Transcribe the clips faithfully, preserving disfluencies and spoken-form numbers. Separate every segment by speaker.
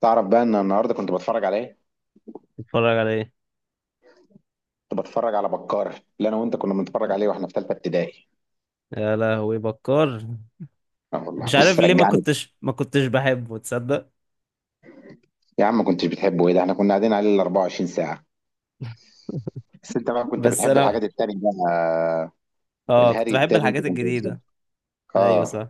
Speaker 1: تعرف بقى ان النهارده كنت بتفرج على ايه؟
Speaker 2: تتفرج على ايه؟
Speaker 1: كنت بتفرج على بكار اللي انا وانت كنا بنتفرج عليه واحنا في ثالثه ابتدائي.
Speaker 2: يا لهوي، بكار.
Speaker 1: اه والله،
Speaker 2: مش عارف
Speaker 1: بص
Speaker 2: ليه ما
Speaker 1: رجعني.
Speaker 2: كنتش ما كنتش بحبه، تصدق.
Speaker 1: يا عم ما كنتش بتحبه؟ ايه ده احنا كنا قاعدين عليه ال أربعة وعشرين ساعه. بس انت بقى كنت
Speaker 2: بس
Speaker 1: بتحب الحاجات
Speaker 2: انا،
Speaker 1: التانية بقى.
Speaker 2: اه، كنت
Speaker 1: الهري
Speaker 2: بحب
Speaker 1: التاني انت
Speaker 2: الحاجات
Speaker 1: كنت بتحبه.
Speaker 2: الجديدة. ايوه
Speaker 1: اه.
Speaker 2: صح.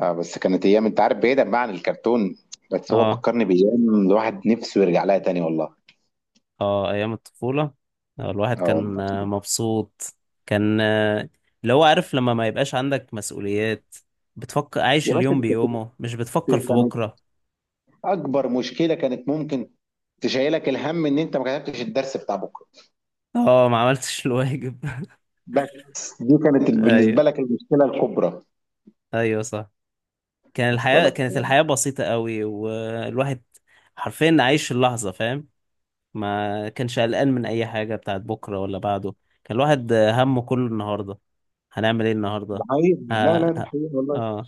Speaker 1: اه بس كانت ايام، انت عارف، بعيدا بقى عن الكرتون. بس هو
Speaker 2: اه.
Speaker 1: فكرني بايام الواحد نفسه يرجع لها تاني والله.
Speaker 2: اه، ايام الطفولة. آه، الواحد
Speaker 1: اه
Speaker 2: كان
Speaker 1: والله.
Speaker 2: آه، مبسوط. كان آه، اللي هو عارف، لما ما يبقاش عندك مسؤوليات، بتفكر عايش
Speaker 1: يا باشا
Speaker 2: اليوم
Speaker 1: انت كنت
Speaker 2: بيومه، مش بتفكر في
Speaker 1: كانت
Speaker 2: بكرة.
Speaker 1: اكبر مشكله كانت ممكن تشيلك الهم ان انت ما كتبتش الدرس بتاع بكره.
Speaker 2: اه، ما عملتش الواجب.
Speaker 1: بس دي كانت
Speaker 2: ايوه.
Speaker 1: بالنسبة لك المشكلة الكبرى
Speaker 2: ايوه صح. كان
Speaker 1: أصلا
Speaker 2: الحياة
Speaker 1: لك
Speaker 2: كانت
Speaker 1: يعني.
Speaker 2: الحياة بسيطة قوي، والواحد حرفيا عايش اللحظة، فاهم. ما كانش قلقان من اي حاجه بتاعت بكره ولا بعده. كان الواحد همه كله النهارده. هنعمل ايه
Speaker 1: ده
Speaker 2: النهارده؟
Speaker 1: حقيقي، لا
Speaker 2: ها
Speaker 1: لا ده
Speaker 2: ها.
Speaker 1: حقيقي والله.
Speaker 2: اه.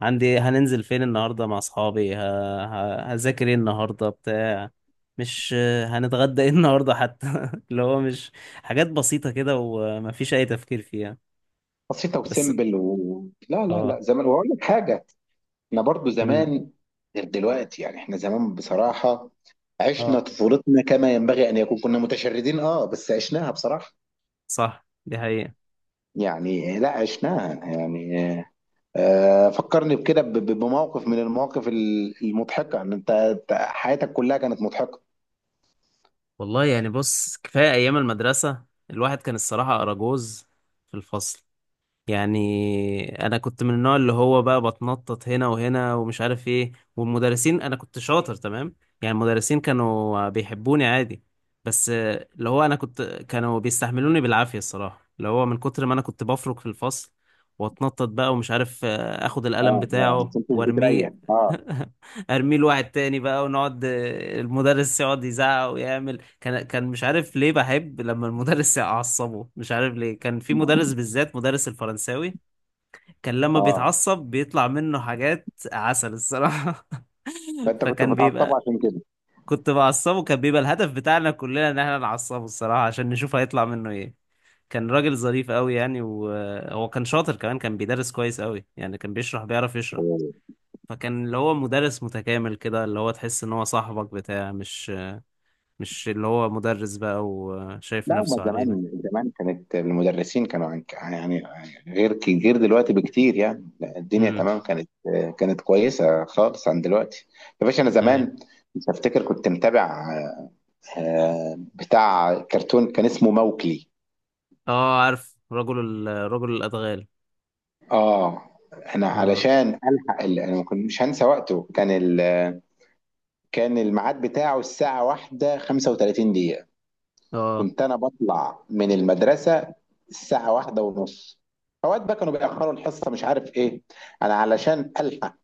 Speaker 2: عندي هننزل فين النهارده مع اصحابي؟ ه... ه... هذاكر ايه النهارده؟ بتاع مش، هنتغدى ايه النهارده حتى؟ اللي هو مش، حاجات بسيطه كده، ومفيش اي تفكير فيها.
Speaker 1: بسيطة
Speaker 2: بس.
Speaker 1: وسيمبل و... لا لا لا،
Speaker 2: اه.
Speaker 1: زمان وأقول لك حاجة. إحنا برضو
Speaker 2: امم.
Speaker 1: زمان غير دلوقتي، يعني إحنا زمان بصراحة عشنا
Speaker 2: اه،
Speaker 1: طفولتنا كما ينبغي أن يكون، كنا متشردين أه بس عشناها بصراحة.
Speaker 2: صح، دي حقيقة.
Speaker 1: يعني لا عشناها يعني. آه، فكرني بكده ب- ب- بموقف من المواقف ال- المضحكة، إن أنت أنت حياتك كلها كانت مضحكة.
Speaker 2: والله يعني، بص، كفايه ايام المدرسه، الواحد كان الصراحه اراجوز في الفصل. يعني انا كنت من النوع اللي هو بقى بتنطط هنا وهنا، ومش عارف ايه، والمدرسين، انا كنت شاطر تمام، يعني المدرسين كانوا بيحبوني عادي. بس اللي هو انا كنت، كانوا بيستحملوني بالعافية الصراحة، اللي هو من كتر ما انا كنت بفرك في الفصل، واتنطط بقى، ومش عارف، آه، اخد القلم
Speaker 1: أه يعني ما
Speaker 2: بتاعه
Speaker 1: كنتش بتريح
Speaker 2: وارميه.
Speaker 1: أه.
Speaker 2: ارميه لواحد تاني بقى، ونقعد، آه، المدرس يقعد يزعق ويعمل. كان كان مش عارف ليه بحب لما المدرس يعصبه. مش عارف ليه، كان في
Speaker 1: أه
Speaker 2: مدرس بالذات، مدرس الفرنساوي، كان لما
Speaker 1: آه.
Speaker 2: بيتعصب بيطلع منه حاجات عسل الصراحة.
Speaker 1: فانت كنت
Speaker 2: فكان
Speaker 1: بتعصبه
Speaker 2: بيبقى،
Speaker 1: عشان كده.
Speaker 2: كنت بعصبه. كان بيبقى الهدف بتاعنا كلنا ان احنا نعصبه الصراحة، عشان نشوف هيطلع منه ايه. كان راجل ظريف قوي يعني، وهو كان شاطر كمان، كان بيدرس كويس قوي يعني، كان بيشرح، بيعرف يشرح.
Speaker 1: أوه.
Speaker 2: فكان اللي هو مدرس متكامل كده، اللي هو تحس ان هو صاحبك بتاع، مش مش اللي هو مدرس بقى وشايف
Speaker 1: لا هما
Speaker 2: نفسه علينا.
Speaker 1: زمان زمان كانت المدرسين كانوا عن- يعني غير ك- غير دلوقتي بكتير، يعني لا، الدنيا
Speaker 2: مم.
Speaker 1: تمام كانت كانت كويسه خالص عن دلوقتي. يا باشا انا
Speaker 2: اي.
Speaker 1: زمان مش هفتكر، كنت متابع آه، بتاع كرتون كان اسمه موكلي.
Speaker 2: اه، عارف، رجل، ال... رجل الادغال.
Speaker 1: اه، انا
Speaker 2: اه.
Speaker 1: علشان الحق ال- انا ما كنت- مش هنسى وقته، كان ال... كان الميعاد بتاعه الساعه واحدة وخمسة وثلاثين دقيقه.
Speaker 2: اه.
Speaker 1: كنت انا بطلع من المدرسه الساعه واحدة ونص، اوقات بقى كانوا بيأخروا الحصه مش عارف ايه. انا علشان الحق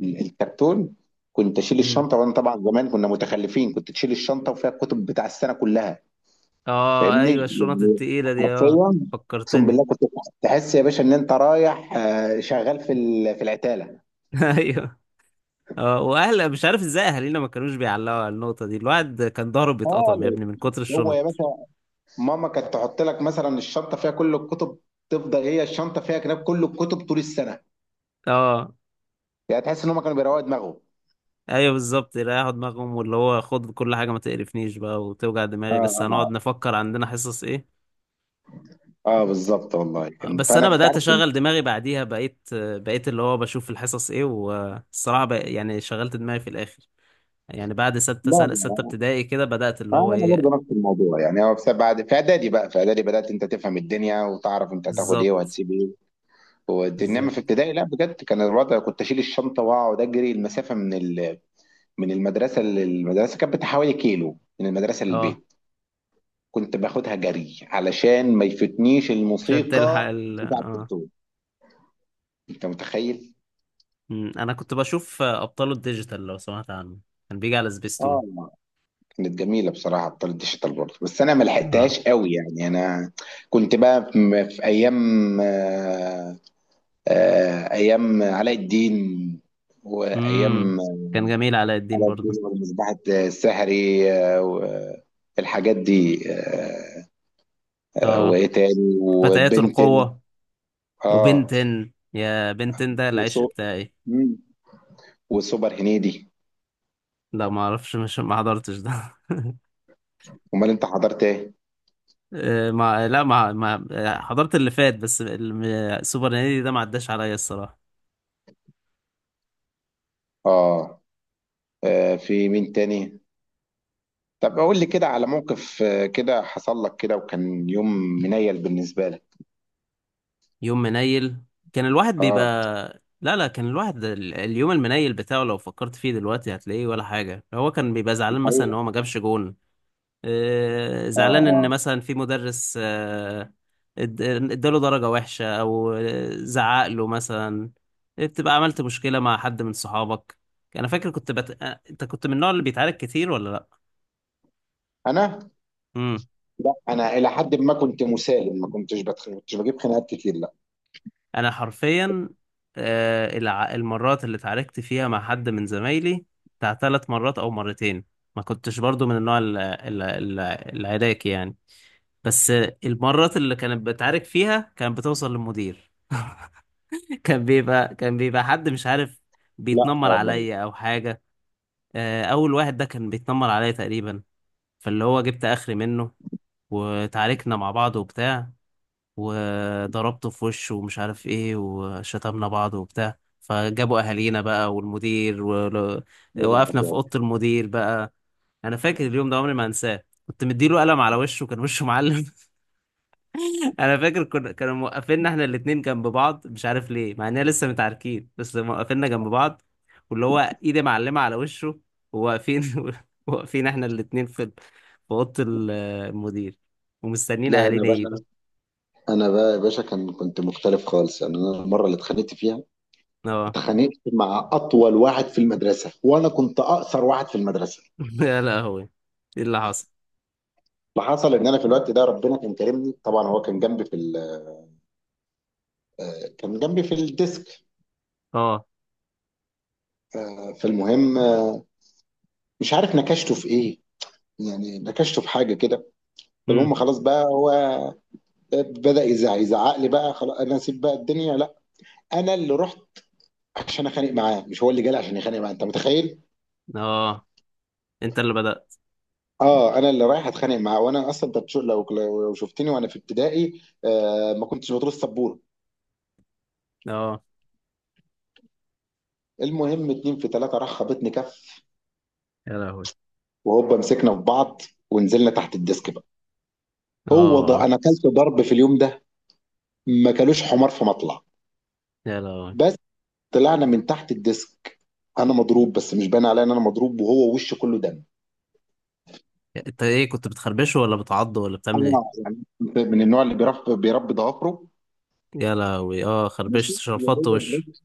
Speaker 1: ال- الكرتون كنت اشيل
Speaker 2: امم.
Speaker 1: الشنطه، وانا طبعا زمان كنا متخلفين، كنت تشيل الشنطه وفيها الكتب بتاع السنه كلها،
Speaker 2: اه،
Speaker 1: فاهمني؟
Speaker 2: ايوه، الشنط
Speaker 1: يعني
Speaker 2: التقيله دي، اه،
Speaker 1: حرفيا اقسم
Speaker 2: فكرتني.
Speaker 1: بالله، كنت تحس يا باشا ان انت رايح آه، شغال في ال- في العتاله
Speaker 2: ايوه. اه، واهل، مش عارف ازاي اهالينا ما كانوش بيعلقوا على النقطه دي. الواحد كان ضهره بيتقطم يا
Speaker 1: خالص.
Speaker 2: ابني من كتر
Speaker 1: هو يا
Speaker 2: الشنط.
Speaker 1: باشا ماما كانت تحط لك مثلا الشنطه فيها كل الكتب، تفضل هي الشنطه فيها كتاب، كل الكتب طول السنه.
Speaker 2: اه.
Speaker 1: يعني تحس ان هم كانوا بيروقوا دماغهم.
Speaker 2: ايوه بالظبط، يريحوا دماغهم. واللي هو خد كل حاجه، ما تقرفنيش بقى وتوجع
Speaker 1: اه.
Speaker 2: دماغي، لسه هنقعد
Speaker 1: اه.
Speaker 2: نفكر عندنا حصص ايه.
Speaker 1: اه، بالظبط والله كان،
Speaker 2: بس
Speaker 1: فانا
Speaker 2: انا
Speaker 1: كنت
Speaker 2: بدات
Speaker 1: عارف
Speaker 2: اشغل
Speaker 1: إن-
Speaker 2: دماغي بعديها. بقيت بقيت اللي هو بشوف الحصص ايه، والصراحه بق- يعني شغلت دماغي في الاخر. يعني بعد ستة
Speaker 1: لا
Speaker 2: سنة
Speaker 1: لا.
Speaker 2: ستة ابتدائي كده بدأت اللي
Speaker 1: آه
Speaker 2: هو
Speaker 1: انا
Speaker 2: ايه.
Speaker 1: برضه نفس الموضوع، يعني هو بسبب بعد في اعدادي، بقى في اعدادي بدات انت تفهم الدنيا، وتعرف انت هتاخد ايه
Speaker 2: بالظبط.
Speaker 1: وهتسيب ايه والدنيا. انما
Speaker 2: بالظبط.
Speaker 1: في ابتدائي لا، بجد كان الوضع كنت اشيل الشنطه واقعد اجري المسافه من ال... من المدرسه للمدرسه، كانت بتاع حوالي كيلو من المدرسه
Speaker 2: اه،
Speaker 1: للبيت. كنت باخدها جري علشان ما يفتنيش
Speaker 2: عشان تلحق
Speaker 1: الموسيقى
Speaker 2: ال
Speaker 1: بتاع
Speaker 2: اه
Speaker 1: الكرتون. انت متخيل؟
Speaker 2: أمم، انا كنت بشوف ابطال الديجيتال، لو سمعت عنه. كان بيجي على
Speaker 1: اه،
Speaker 2: سبيستون.
Speaker 1: كانت جميله بصراحه بطاله ديجيتال برضه، بس انا ما
Speaker 2: اه.
Speaker 1: لحقتهاش قوي يعني. انا كنت بقى في في ايام آه، آه، ايام علاء الدين
Speaker 2: امم.
Speaker 1: وايام
Speaker 2: كان جميل علاء الدين
Speaker 1: علاء الدين
Speaker 2: برضو.
Speaker 1: ومصباح السحري، آه، والحاجات دي، آه، آه،
Speaker 2: اه،
Speaker 1: وايه تاني،
Speaker 2: فتيات
Speaker 1: وبنتن.
Speaker 2: القوة.
Speaker 1: اه
Speaker 2: وبنتن، يا بنتن ده
Speaker 1: وسو
Speaker 2: العشق بتاعي.
Speaker 1: مم. وسوبر هنيدي.
Speaker 2: لا، ما اعرفش، مش ما حضرتش ده.
Speaker 1: امال انت حضرت ايه؟
Speaker 2: آه، ما لا ما ما آه، حضرت اللي فات. بس الم- سوبر نادي ده ما عداش عليا الصراحة.
Speaker 1: اه. آه، في مين تاني؟ طب قول لي كده على موقف آه، كده حصل لك، كده وكان يوم منيل بالنسبة لك.
Speaker 2: يوم منيل؟ كان الواحد بيبقى،
Speaker 1: اه
Speaker 2: لا لا، كان الواحد ال- اليوم المنيل بتاعه لو فكرت فيه دلوقتي هتلاقيه ولا حاجة. هو كان بيبقى
Speaker 1: دي
Speaker 2: زعلان، مثلا ان
Speaker 1: حقيقة.
Speaker 2: هو ما جابش جون. آه،
Speaker 1: اه.
Speaker 2: زعلان ان
Speaker 1: اه.
Speaker 2: مثلا في مدرس آه، اد- اداله درجة وحشة، او آه، زعق له مثلا. بتبقى عملت مشكلة مع حد من صحابك. انا فاكر كنت بت... آه، انت كنت من النوع اللي بيتعارك كتير ولا لا.
Speaker 1: انا،
Speaker 2: امم.
Speaker 1: لا انا الى حد ما كنت مسالم، ما كنتش بتخ... كنتش بجيب خناقات كتير، لا.
Speaker 2: انا حرفيا، آه، الع- المرات اللي اتعاركت فيها مع حد من زمايلي بتاع ثلاث مرات او مرتين. ما كنتش برضو من النوع ال- ال- ال- العراكي يعني. بس المرات اللي كانت بتعارك فيها كانت بتوصل للمدير. كان بيبقى كان بيبقى حد مش عارف
Speaker 1: لا
Speaker 2: بيتنمر
Speaker 1: آه، والله
Speaker 2: عليا او حاجة. آه، اول واحد ده كان بيتنمر عليا تقريبا، فاللي هو جبت اخري منه، وتعاركنا مع بعض وبتاع، وضربته في وشه، ومش عارف ايه، وشتمنا بعض وبتاع، فجابوا اهالينا بقى والمدير،
Speaker 1: يا نهار
Speaker 2: ووقفنا في اوضه
Speaker 1: أبيض.
Speaker 2: المدير بقى. انا فاكر اليوم ده عمري ما انساه، كنت مديله قلم على وشه، كان وشه معلم. انا فاكر كنا كانوا موقفيننا احنا الاتنين جنب بعض، مش عارف ليه، مع اننا لسه متعاركين، بس موقفيننا جنب بعض، واللي هو ايدي معلمه على وشه، وواقفين. واقفين احنا الاتنين في في اوضه المدير، ومستنيين
Speaker 1: لا انا
Speaker 2: اهالينا
Speaker 1: بقى،
Speaker 2: يجوا.
Speaker 1: انا بقى يا باشا كان كنت مختلف خالص. يعني انا المره اللي اتخانقت فيها،
Speaker 2: اه.
Speaker 1: اتخانقت مع اطول واحد في المدرسه، وانا كنت اقصر واحد في المدرسه.
Speaker 2: يا لهوي، ايه اللي حصل؟
Speaker 1: اللي حصل ان انا في الوقت ده ربنا كان كرمني، طبعا هو كان جنبي في ال... آه، كان جنبي في الديسك.
Speaker 2: اه.
Speaker 1: آه، فالمهم آه، مش عارف نكشته في ايه، يعني نكشته في حاجه كده. فالمهم
Speaker 2: امم.
Speaker 1: خلاص بقى، هو بدأ يزعق يزعق لي بقى. خلاص انا اسيب بقى الدنيا؟ لا، انا اللي رحت عشان اخانق معاه، مش هو اللي جالي عشان يخانق معاه، انت متخيل؟
Speaker 2: اه، انت اللي بدأت.
Speaker 1: اه، انا اللي رايح اتخانق معاه، وانا اصلا انت بتشوف لو لو شفتني وانا في ابتدائي، آه ما كنتش بطول السبوره.
Speaker 2: اه،
Speaker 1: المهم، اتنين في تلاته راح خبطني كف،
Speaker 2: يا لهوي.
Speaker 1: وهوبا مسكنا في بعض ونزلنا تحت الديسك بقى. هو ده،
Speaker 2: اه،
Speaker 1: انا اكلت ضرب في اليوم ده ما كلوش حمار في مطلع.
Speaker 2: يا لهوي،
Speaker 1: بس طلعنا من تحت الديسك، انا مضروب بس مش باين عليا ان انا مضروب، وهو وشه كله دم.
Speaker 2: انت ايه، كنت بتخربشه ولا بتعضه ولا بتعمل ايه؟
Speaker 1: انا يعني كنت من النوع اللي بيرف بيربي ضوافره،
Speaker 2: يا لهوي، اه،
Speaker 1: ماشي
Speaker 2: خربشت
Speaker 1: يا
Speaker 2: شلفطت
Speaker 1: دوبك،
Speaker 2: وشه.
Speaker 1: بس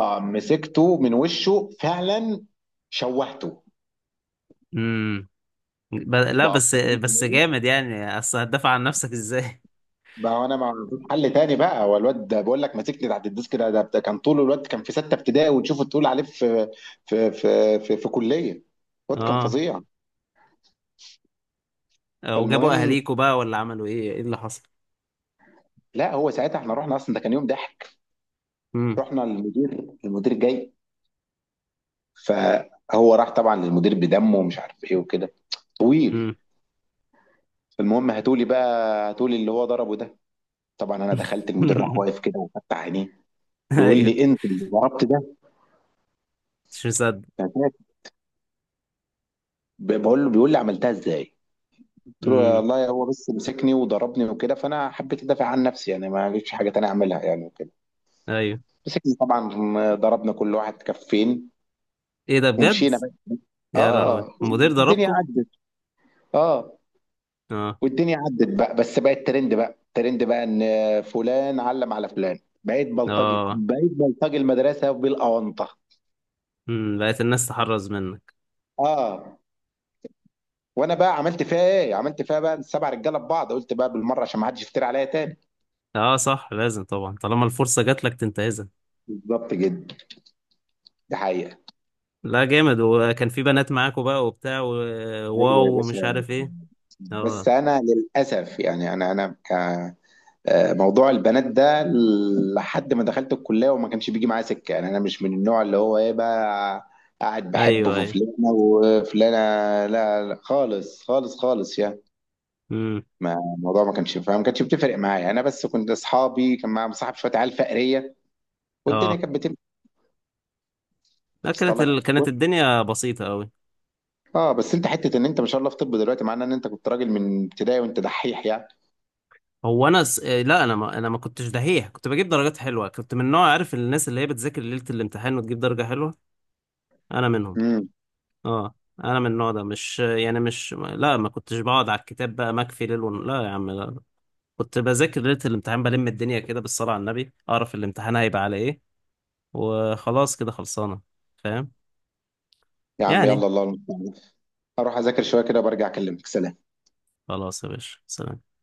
Speaker 1: آه، مسكته من وشه فعلا، شوهته.
Speaker 2: امم، ب... لا،
Speaker 1: بقى
Speaker 2: بس بس جامد يعني، اصل هتدافع عن نفسك ازاي.
Speaker 1: بقى انا مع حل تاني بقى، هو الواد ده بقول لك ماسكني تحت الديسك ده, ده كان طول الواد كان في سته ابتدائي، وتشوفه تقول عليه في في في في, في كليه. الواد كان
Speaker 2: اه،
Speaker 1: فظيع.
Speaker 2: وجابوا
Speaker 1: فالمهم،
Speaker 2: اهاليكوا بقى ولا عملوا ايه؟ ايه اللي حصل؟
Speaker 1: لا هو ساعتها احنا رحنا، اصلا ده كان يوم ضحك.
Speaker 2: امم.
Speaker 1: رحنا للمدير، المدير جاي، فهو راح طبعا للمدير بدمه ومش عارف ايه وكده، طويل.
Speaker 2: امم.
Speaker 1: المهم هاتولي بقى، هاتولي اللي هو ضربه ده. طبعا انا دخلت، المدير راح واقف كده وفتح عينيه، بيقول
Speaker 2: ايوه،
Speaker 1: لي انت اللي ضربت ده؟
Speaker 2: مش مصدق.
Speaker 1: هتاك. ب- بقول له، بيقول لي عملتها ازاي. قلت له
Speaker 2: امم.
Speaker 1: والله هو بس مسكني وضربني وكده، فانا حبيت ادافع عن نفسي يعني، ما فيش حاجه تانية اعملها يعني وكده.
Speaker 2: ايوه.
Speaker 1: مسكني طبعا، ضربنا كل واحد كفين
Speaker 2: ايه ده بجد؟
Speaker 1: ومشينا بقى.
Speaker 2: يا لهوي،
Speaker 1: اه.
Speaker 2: المدير
Speaker 1: الدنيا
Speaker 2: ضربكوا؟
Speaker 1: عدت. اه،
Speaker 2: اه.
Speaker 1: والدنيا عدت بقى، بس بقت ترند بقى، ترند بقى ان فلان علم على فلان. بقيت بلطجي،
Speaker 2: اه.
Speaker 1: بقيت بلطجي المدرسه بالاونطه.
Speaker 2: امم، بقت الناس تحرز منك.
Speaker 1: اه، وانا بقى عملت فيها ايه؟ عملت فيها بقى السبع رجاله ببعض، قلت بقى بالمره عشان ما حدش يفتري عليا تاني.
Speaker 2: اه صح، لازم طبعا، طالما الفرصة جات لك تنتهزها.
Speaker 1: بالظبط جدا، ده حقيقه.
Speaker 2: لا جامد، وكان في بنات معاكوا بقى وبتاع،
Speaker 1: ايوه يا
Speaker 2: وواو، ومش
Speaker 1: باشا،
Speaker 2: عارف ايه.
Speaker 1: بس
Speaker 2: اه.
Speaker 1: انا للاسف يعني انا انا ك آه، موضوع البنات ده لحد ما دخلت الكلية وما كانش بيجي معايا سكة، يعني أنا مش من النوع اللي هو إيه بقى، قاعد بحب
Speaker 2: ايوه
Speaker 1: في
Speaker 2: ايوه.
Speaker 1: فلانة وفلانة. لا، لا خالص خالص خالص يعني،
Speaker 2: امم.
Speaker 1: ما الموضوع ما كانش فاهم، ما كانش بتفرق معايا يعني. أنا بس كنت أصحابي كان معايا، مصاحب شوية عيال فقرية والدنيا
Speaker 2: اه.
Speaker 1: كانت بتمشي.
Speaker 2: لا،
Speaker 1: وصل
Speaker 2: كانت
Speaker 1: لك؟
Speaker 2: ال... كانت الدنيا بسيطة قوي.
Speaker 1: اه، بس انت حته ان انت ما شاء الله في طب دلوقتي، معناه ان انت كنت راجل من ابتدائي وانت دحيح يعني.
Speaker 2: هو انا س... آه، لا، انا ما... انا ما كنتش دحيح، كنت بجيب درجات حلوة. كنت من نوع، عارف، الناس اللي هي بتذاكر ليلة الامتحان وتجيب درجة حلوة، انا منهم.
Speaker 1: امم
Speaker 2: اه. انا من النوع ده، مش يعني مش، لا ما كنتش بقعد على الكتاب بقى مكفي ليل ون... لا يا عم لا. كنت بذاكر ليلة الامتحان، بلم الدنيا كده بالصلاة على النبي، أعرف الامتحان هيبقى على إيه، وخلاص كده خلصانة. فاهم؟
Speaker 1: يا عم
Speaker 2: يعني.
Speaker 1: يلا، الله المستعان، اروح اذاكر شويه كده وبرجع اكلمك، سلام.
Speaker 2: خلاص يا باشا، سلام.